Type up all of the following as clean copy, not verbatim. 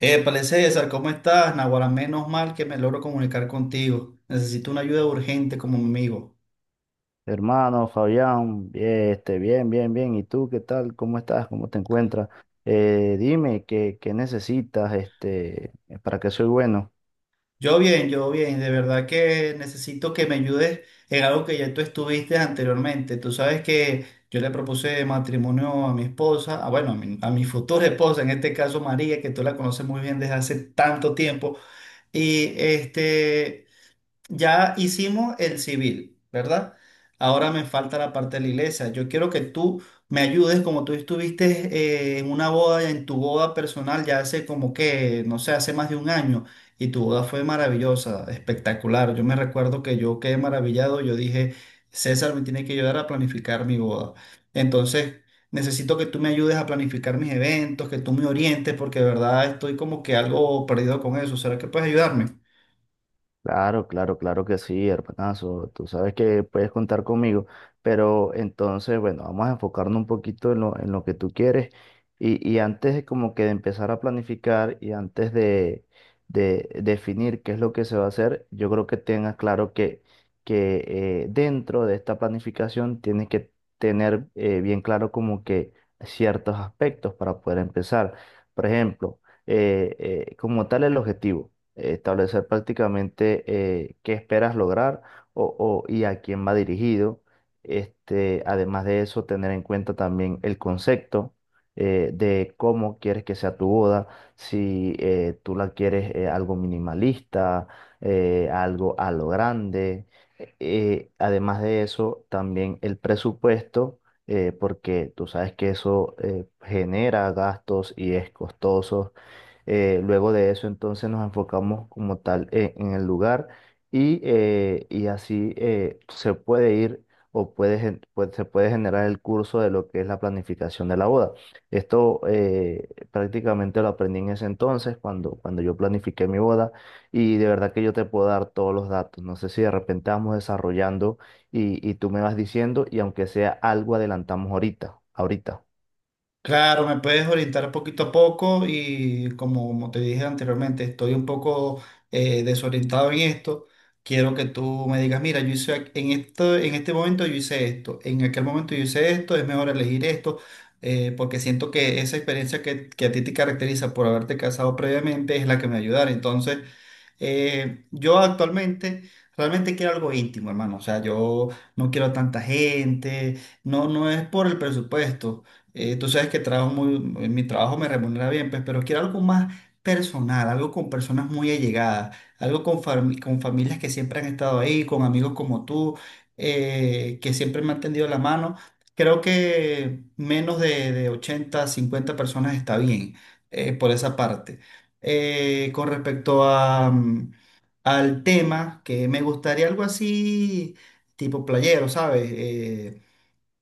Épale, César, ¿cómo estás? Naguará, menos mal que me logro comunicar contigo. Necesito una ayuda urgente como mi amigo. Hermano Fabián, bien, bien, bien, bien. ¿Y tú qué tal? ¿Cómo estás? ¿Cómo te encuentras? Dime qué necesitas para que soy bueno. Yo bien, de verdad que necesito que me ayudes en algo que ya tú estuviste anteriormente. Tú sabes que yo le propuse matrimonio a mi esposa, a, bueno, a mi futura esposa, en este caso María, que tú la conoces muy bien desde hace tanto tiempo. Y este... Ya hicimos el civil, ¿verdad? Ahora me falta la parte de la iglesia. Yo quiero que tú me ayudes, como tú estuviste en una boda, en tu boda personal, ya hace como que, no sé, hace más de un año, y tu boda fue maravillosa, espectacular. Yo me recuerdo que yo quedé maravillado, yo dije, César me tiene que ayudar a planificar mi boda. Entonces, necesito que tú me ayudes a planificar mis eventos, que tú me orientes, porque de verdad estoy como que algo perdido con eso. ¿Será que puedes ayudarme? Claro, claro, claro que sí, hermanazo. Tú sabes que puedes contar conmigo, pero entonces, bueno, vamos a enfocarnos un poquito en en lo que tú quieres y antes de como que de empezar a planificar y antes de definir qué es lo que se va a hacer, yo creo que tengas claro que dentro de esta planificación tienes que tener bien claro como que ciertos aspectos para poder empezar. Por ejemplo, eh, como tal el objetivo, establecer prácticamente qué esperas lograr y a quién va dirigido. Además de eso, tener en cuenta también el concepto de cómo quieres que sea tu boda, si tú la quieres algo minimalista, algo a lo grande. Además de eso, también el presupuesto, porque tú sabes que eso genera gastos y es costoso. Luego de eso, entonces nos enfocamos como tal en el lugar y así se puede ir o se puede generar el curso de lo que es la planificación de la boda. Esto prácticamente lo aprendí en ese entonces, cuando yo planifiqué mi boda, y de verdad que yo te puedo dar todos los datos. No sé si de repente vamos desarrollando y tú me vas diciendo, y aunque sea algo adelantamos ahorita, ahorita. Claro, me puedes orientar poquito a poco y como, como te dije anteriormente, estoy un poco desorientado en esto. Quiero que tú me digas, mira, en esto, en este momento yo hice esto, en aquel momento yo hice esto, es mejor elegir esto, porque siento que esa experiencia que a ti te caracteriza por haberte casado previamente es la que me ayudará. Entonces, yo actualmente realmente quiero algo íntimo, hermano. O sea, yo no quiero tanta gente, no, no es por el presupuesto. Tú sabes que trabajo muy, en mi trabajo me remunera bien, pues, pero quiero algo más personal, algo con personas muy allegadas, algo con, con familias que siempre han estado ahí, con amigos como tú, que siempre me han tendido la mano. Creo que menos de 80 50 personas está bien, por esa parte. Con respecto a, al tema, que me gustaría algo así, tipo playero, ¿sabes? Eh,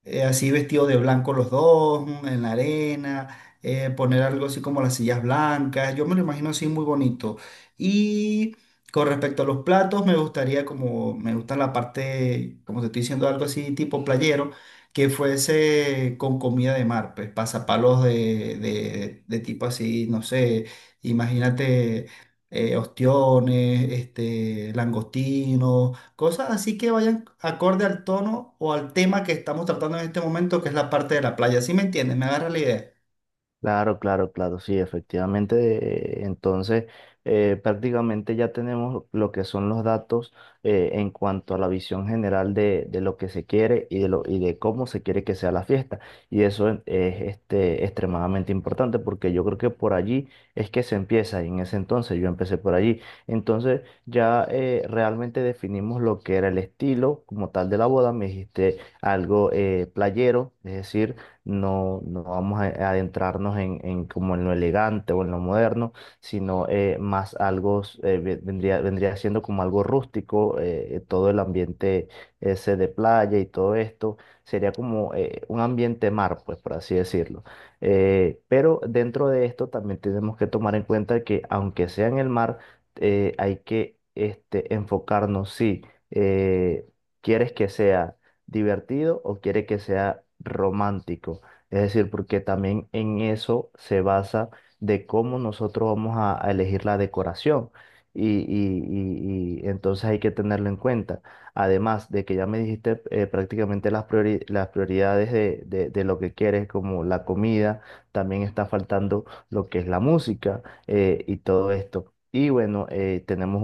eh, Así vestidos de blanco los dos, en la arena, poner algo así como las sillas blancas, yo me lo imagino así muy bonito. Y con respecto a los platos, me gustaría como, me gusta la parte, como te estoy diciendo, algo así tipo playero, que fuese con comida de mar, pues pasapalos de tipo así, no sé, imagínate. Ostiones, este, langostinos, cosas así que vayan acorde al tono o al tema que estamos tratando en este momento, que es la parte de la playa. ¿Sí me entiendes? ¿Me agarra la idea? Claro, claro, claro, sí, efectivamente. Entonces, prácticamente ya tenemos lo que son los datos en cuanto a la visión general de lo que se quiere y y de cómo se quiere que sea la fiesta. Y eso es extremadamente importante porque yo creo que por allí es que se empieza y en ese entonces yo empecé por allí. Entonces, ya realmente definimos lo que era el estilo como tal de la boda. Me dijiste algo playero, es decir, no vamos a adentrarnos en como en lo elegante o en lo moderno, sino más algo, vendría, vendría siendo como algo rústico, todo el ambiente ese de playa y todo esto, sería como un ambiente mar, pues, por así decirlo. Pero dentro de esto también tenemos que tomar en cuenta que aunque sea en el mar, hay que enfocarnos, si eh, quieres que sea divertido o quiere que sea romántico. Es decir, porque también en eso se basa de cómo nosotros vamos a elegir la decoración. Y entonces hay que tenerlo en cuenta. Además de que ya me dijiste prácticamente las prioridades de lo que quieres, como la comida, también está faltando lo que es la música, y todo esto. Y bueno, tenemos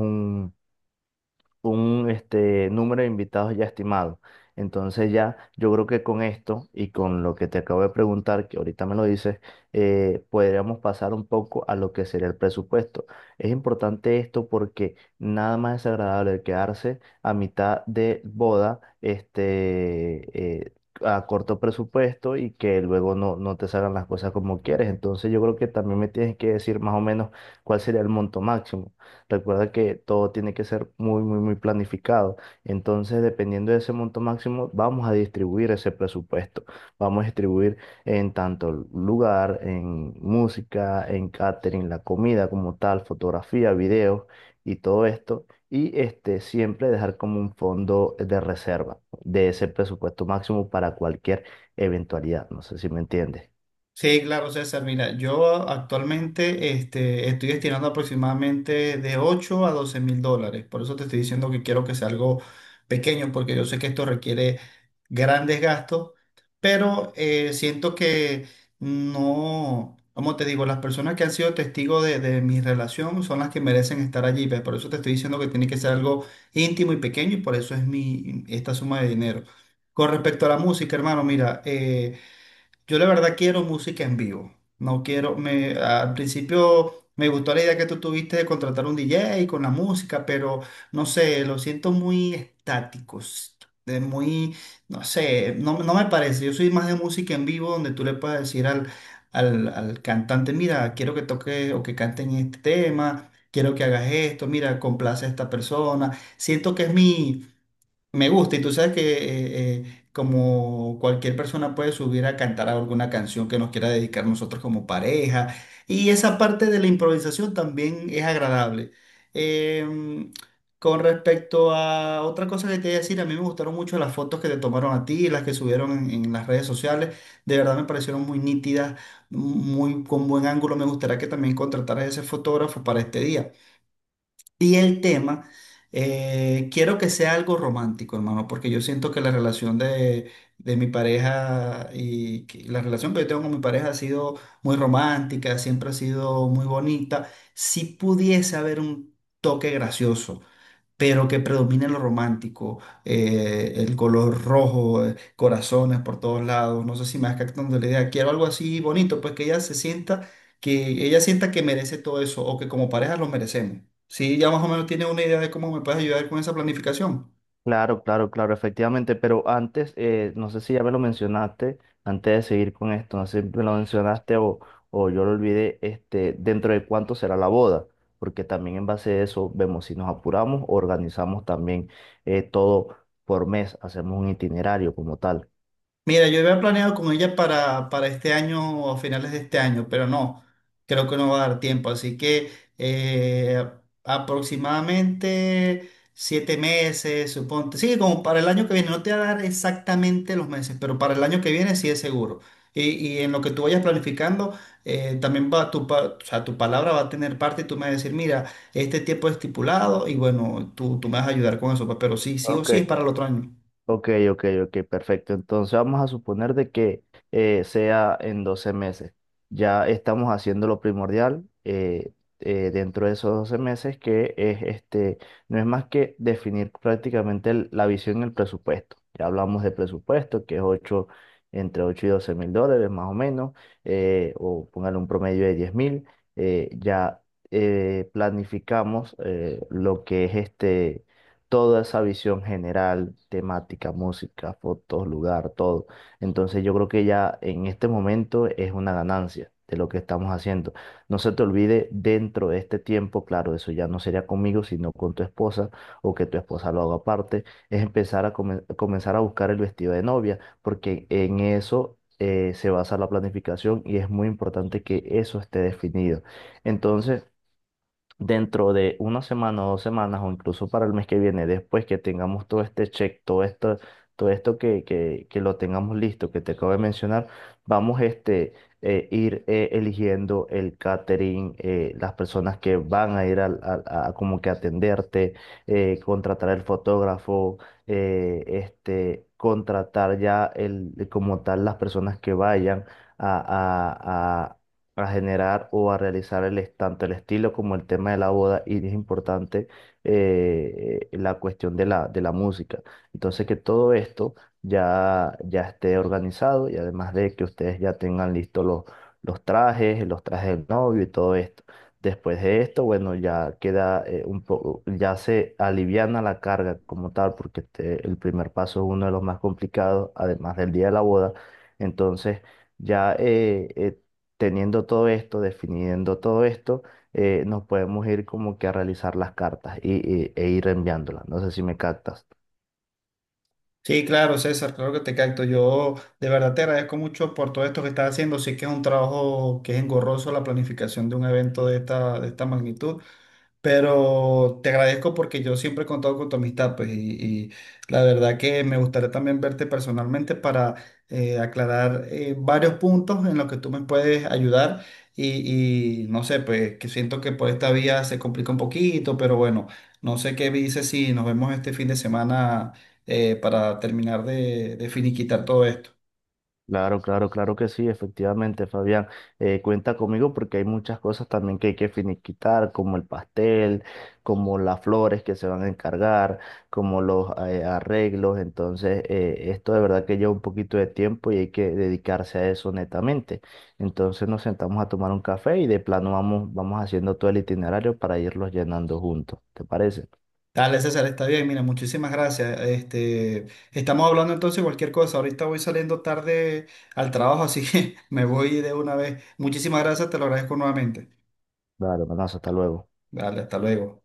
un número de invitados ya estimado. Entonces ya yo creo que con esto y con lo que te acabo de preguntar, que ahorita me lo dices, podríamos pasar un poco a lo que sería el presupuesto. Es importante esto porque nada más desagradable quedarse a mitad de boda, a corto presupuesto y que luego no te salgan las cosas como quieres. Entonces yo creo que también me tienes que decir más o menos cuál sería el monto máximo. Recuerda que todo tiene que ser muy, muy, muy planificado. Entonces, dependiendo de ese monto máximo, vamos a distribuir ese presupuesto. Vamos a distribuir en tanto lugar, en música, en catering, la comida como tal, fotografía, videos y todo esto. Y siempre dejar como un fondo de reserva de ese presupuesto máximo para cualquier eventualidad. No sé si me entiendes. Sí, claro, César. Mira, yo actualmente este, estoy destinando aproximadamente de $8.000 a $12.000. Por eso te estoy diciendo que quiero que sea algo pequeño, porque yo sé que esto requiere grandes gastos, pero siento que no, como te digo, las personas que han sido testigos de mi relación son las que merecen estar allí. ¿Ves? Por eso te estoy diciendo que tiene que ser algo íntimo y pequeño y por eso es mi, esta suma de dinero. Con respecto a la música, hermano, mira, yo la verdad quiero música en vivo. No quiero, me, al principio me gustó la idea que tú tuviste de contratar un DJ con la música, pero no sé, lo siento muy estáticos, de muy, no sé, no, no me parece. Yo soy más de música en vivo donde tú le puedes decir al, al cantante, mira, quiero que toque o que canten este tema, quiero que hagas esto, mira, complace a esta persona. Siento que es mi me gusta, y tú sabes que como cualquier persona puede subir a cantar alguna canción que nos quiera dedicar nosotros como pareja, y esa parte de la improvisación también es agradable. Em, con respecto a otra cosa que te voy a decir, a mí me gustaron mucho las fotos que te tomaron a ti, las que subieron en las redes sociales, de verdad me parecieron muy nítidas, muy con buen ángulo, me gustaría que también contrataras ese fotógrafo para este día. Y el tema, quiero que sea algo romántico, hermano, porque yo siento que la relación de mi pareja y que- la relación que yo tengo con mi pareja ha sido muy romántica, siempre ha sido muy bonita. Si pudiese haber un toque gracioso pero que predomine lo romántico, el color rojo, corazones por todos lados, no sé si me vas captando la idea, quiero algo así bonito, pues que ella se sienta, que ella sienta que merece todo eso o que como pareja lo merecemos. Sí, ya más o menos tiene una idea de cómo me puedes ayudar con esa planificación. Claro, claro, claro, efectivamente, pero antes, no sé si ya me lo mencionaste, antes de seguir con esto, no sé si me lo mencionaste o yo lo olvidé, dentro de cuánto será la boda, porque también en base a eso vemos si nos apuramos, organizamos también todo por mes, hacemos un itinerario como tal. Mira, yo había planeado con ella para este año o a finales de este año, pero no, creo que no va a dar tiempo. Así que eh, aproximadamente 7 meses, suponte. Sí, como para el año que viene. No te va a dar exactamente los meses, pero para el año que viene sí es seguro. Y en lo que tú vayas planificando, también va tu, o sea, tu palabra va a tener parte y tú me vas a decir, mira, este tiempo es estipulado y bueno, tú me vas a ayudar con eso, pues, pero sí, sí o Ok, sí es para el otro año. ok, perfecto. Entonces vamos a suponer de que sea en 12 meses. Ya estamos haciendo lo primordial, dentro de esos 12 meses, que es no es más que definir prácticamente la visión y el presupuesto. Ya hablamos de presupuesto, que es 8 entre $8000 y $12.000 más o menos, o póngale un promedio de 10.000. Ya planificamos lo que es toda esa visión general, temática, música, fotos, lugar, todo. Entonces yo creo que ya en este momento es una ganancia de lo que estamos haciendo. No se te olvide dentro de este tiempo, claro, eso ya no sería conmigo, sino con tu esposa o que tu esposa lo haga aparte, es empezar comenzar a buscar el vestido de novia, porque en eso se basa la planificación y es muy importante que eso esté definido. Entonces, dentro de una semana o dos semanas o incluso para el mes que viene, después que tengamos todo este check, todo esto que lo tengamos listo, que te acabo de mencionar, vamos este, ir eligiendo el catering, las personas que van a ir a, como que atenderte, contratar el fotógrafo, contratar ya como tal las personas que vayan. A, a, a generar o a realizar tanto el estilo como el tema de la boda y es importante, la cuestión de de la música. Entonces que todo esto ya esté organizado y además de que ustedes ya tengan listos los trajes del novio y todo esto. Después de esto, bueno, ya queda un poco, ya se aliviana la carga como tal, porque el primer paso es uno de los más complicados, además del día de la boda. Entonces, ya teniendo todo esto, definiendo todo esto, nos podemos ir como que a realizar las cartas e ir enviándolas. No sé si me captas. Sí, claro, César, claro que te capto. Yo de verdad te agradezco mucho por todo esto que estás haciendo. Sí que es un trabajo que es engorroso la planificación de un evento de esta magnitud, pero te agradezco porque yo siempre he contado con tu amistad, pues, y la verdad que me gustaría también verte personalmente para aclarar varios puntos en los que tú me puedes ayudar. Y no sé, pues, que siento que por esta vía se complica un poquito, pero bueno, no sé qué dices si nos vemos este fin de semana para terminar de finiquitar todo esto. Claro, claro, claro que sí, efectivamente, Fabián. Cuenta conmigo porque hay muchas cosas también que hay que finiquitar, como el pastel, como las flores que se van a encargar, como los arreglos. Entonces, esto de verdad que lleva un poquito de tiempo y hay que dedicarse a eso netamente. Entonces, nos sentamos a tomar un café y de plano vamos, vamos haciendo todo el itinerario para irlos llenando juntos. ¿Te parece? Dale, César, está bien. Mira, muchísimas gracias. Este, estamos hablando entonces de cualquier cosa. Ahorita voy saliendo tarde al trabajo, así que me voy de una vez. Muchísimas gracias, te lo agradezco nuevamente. Claro, hermanazo, hasta luego. Dale, hasta luego.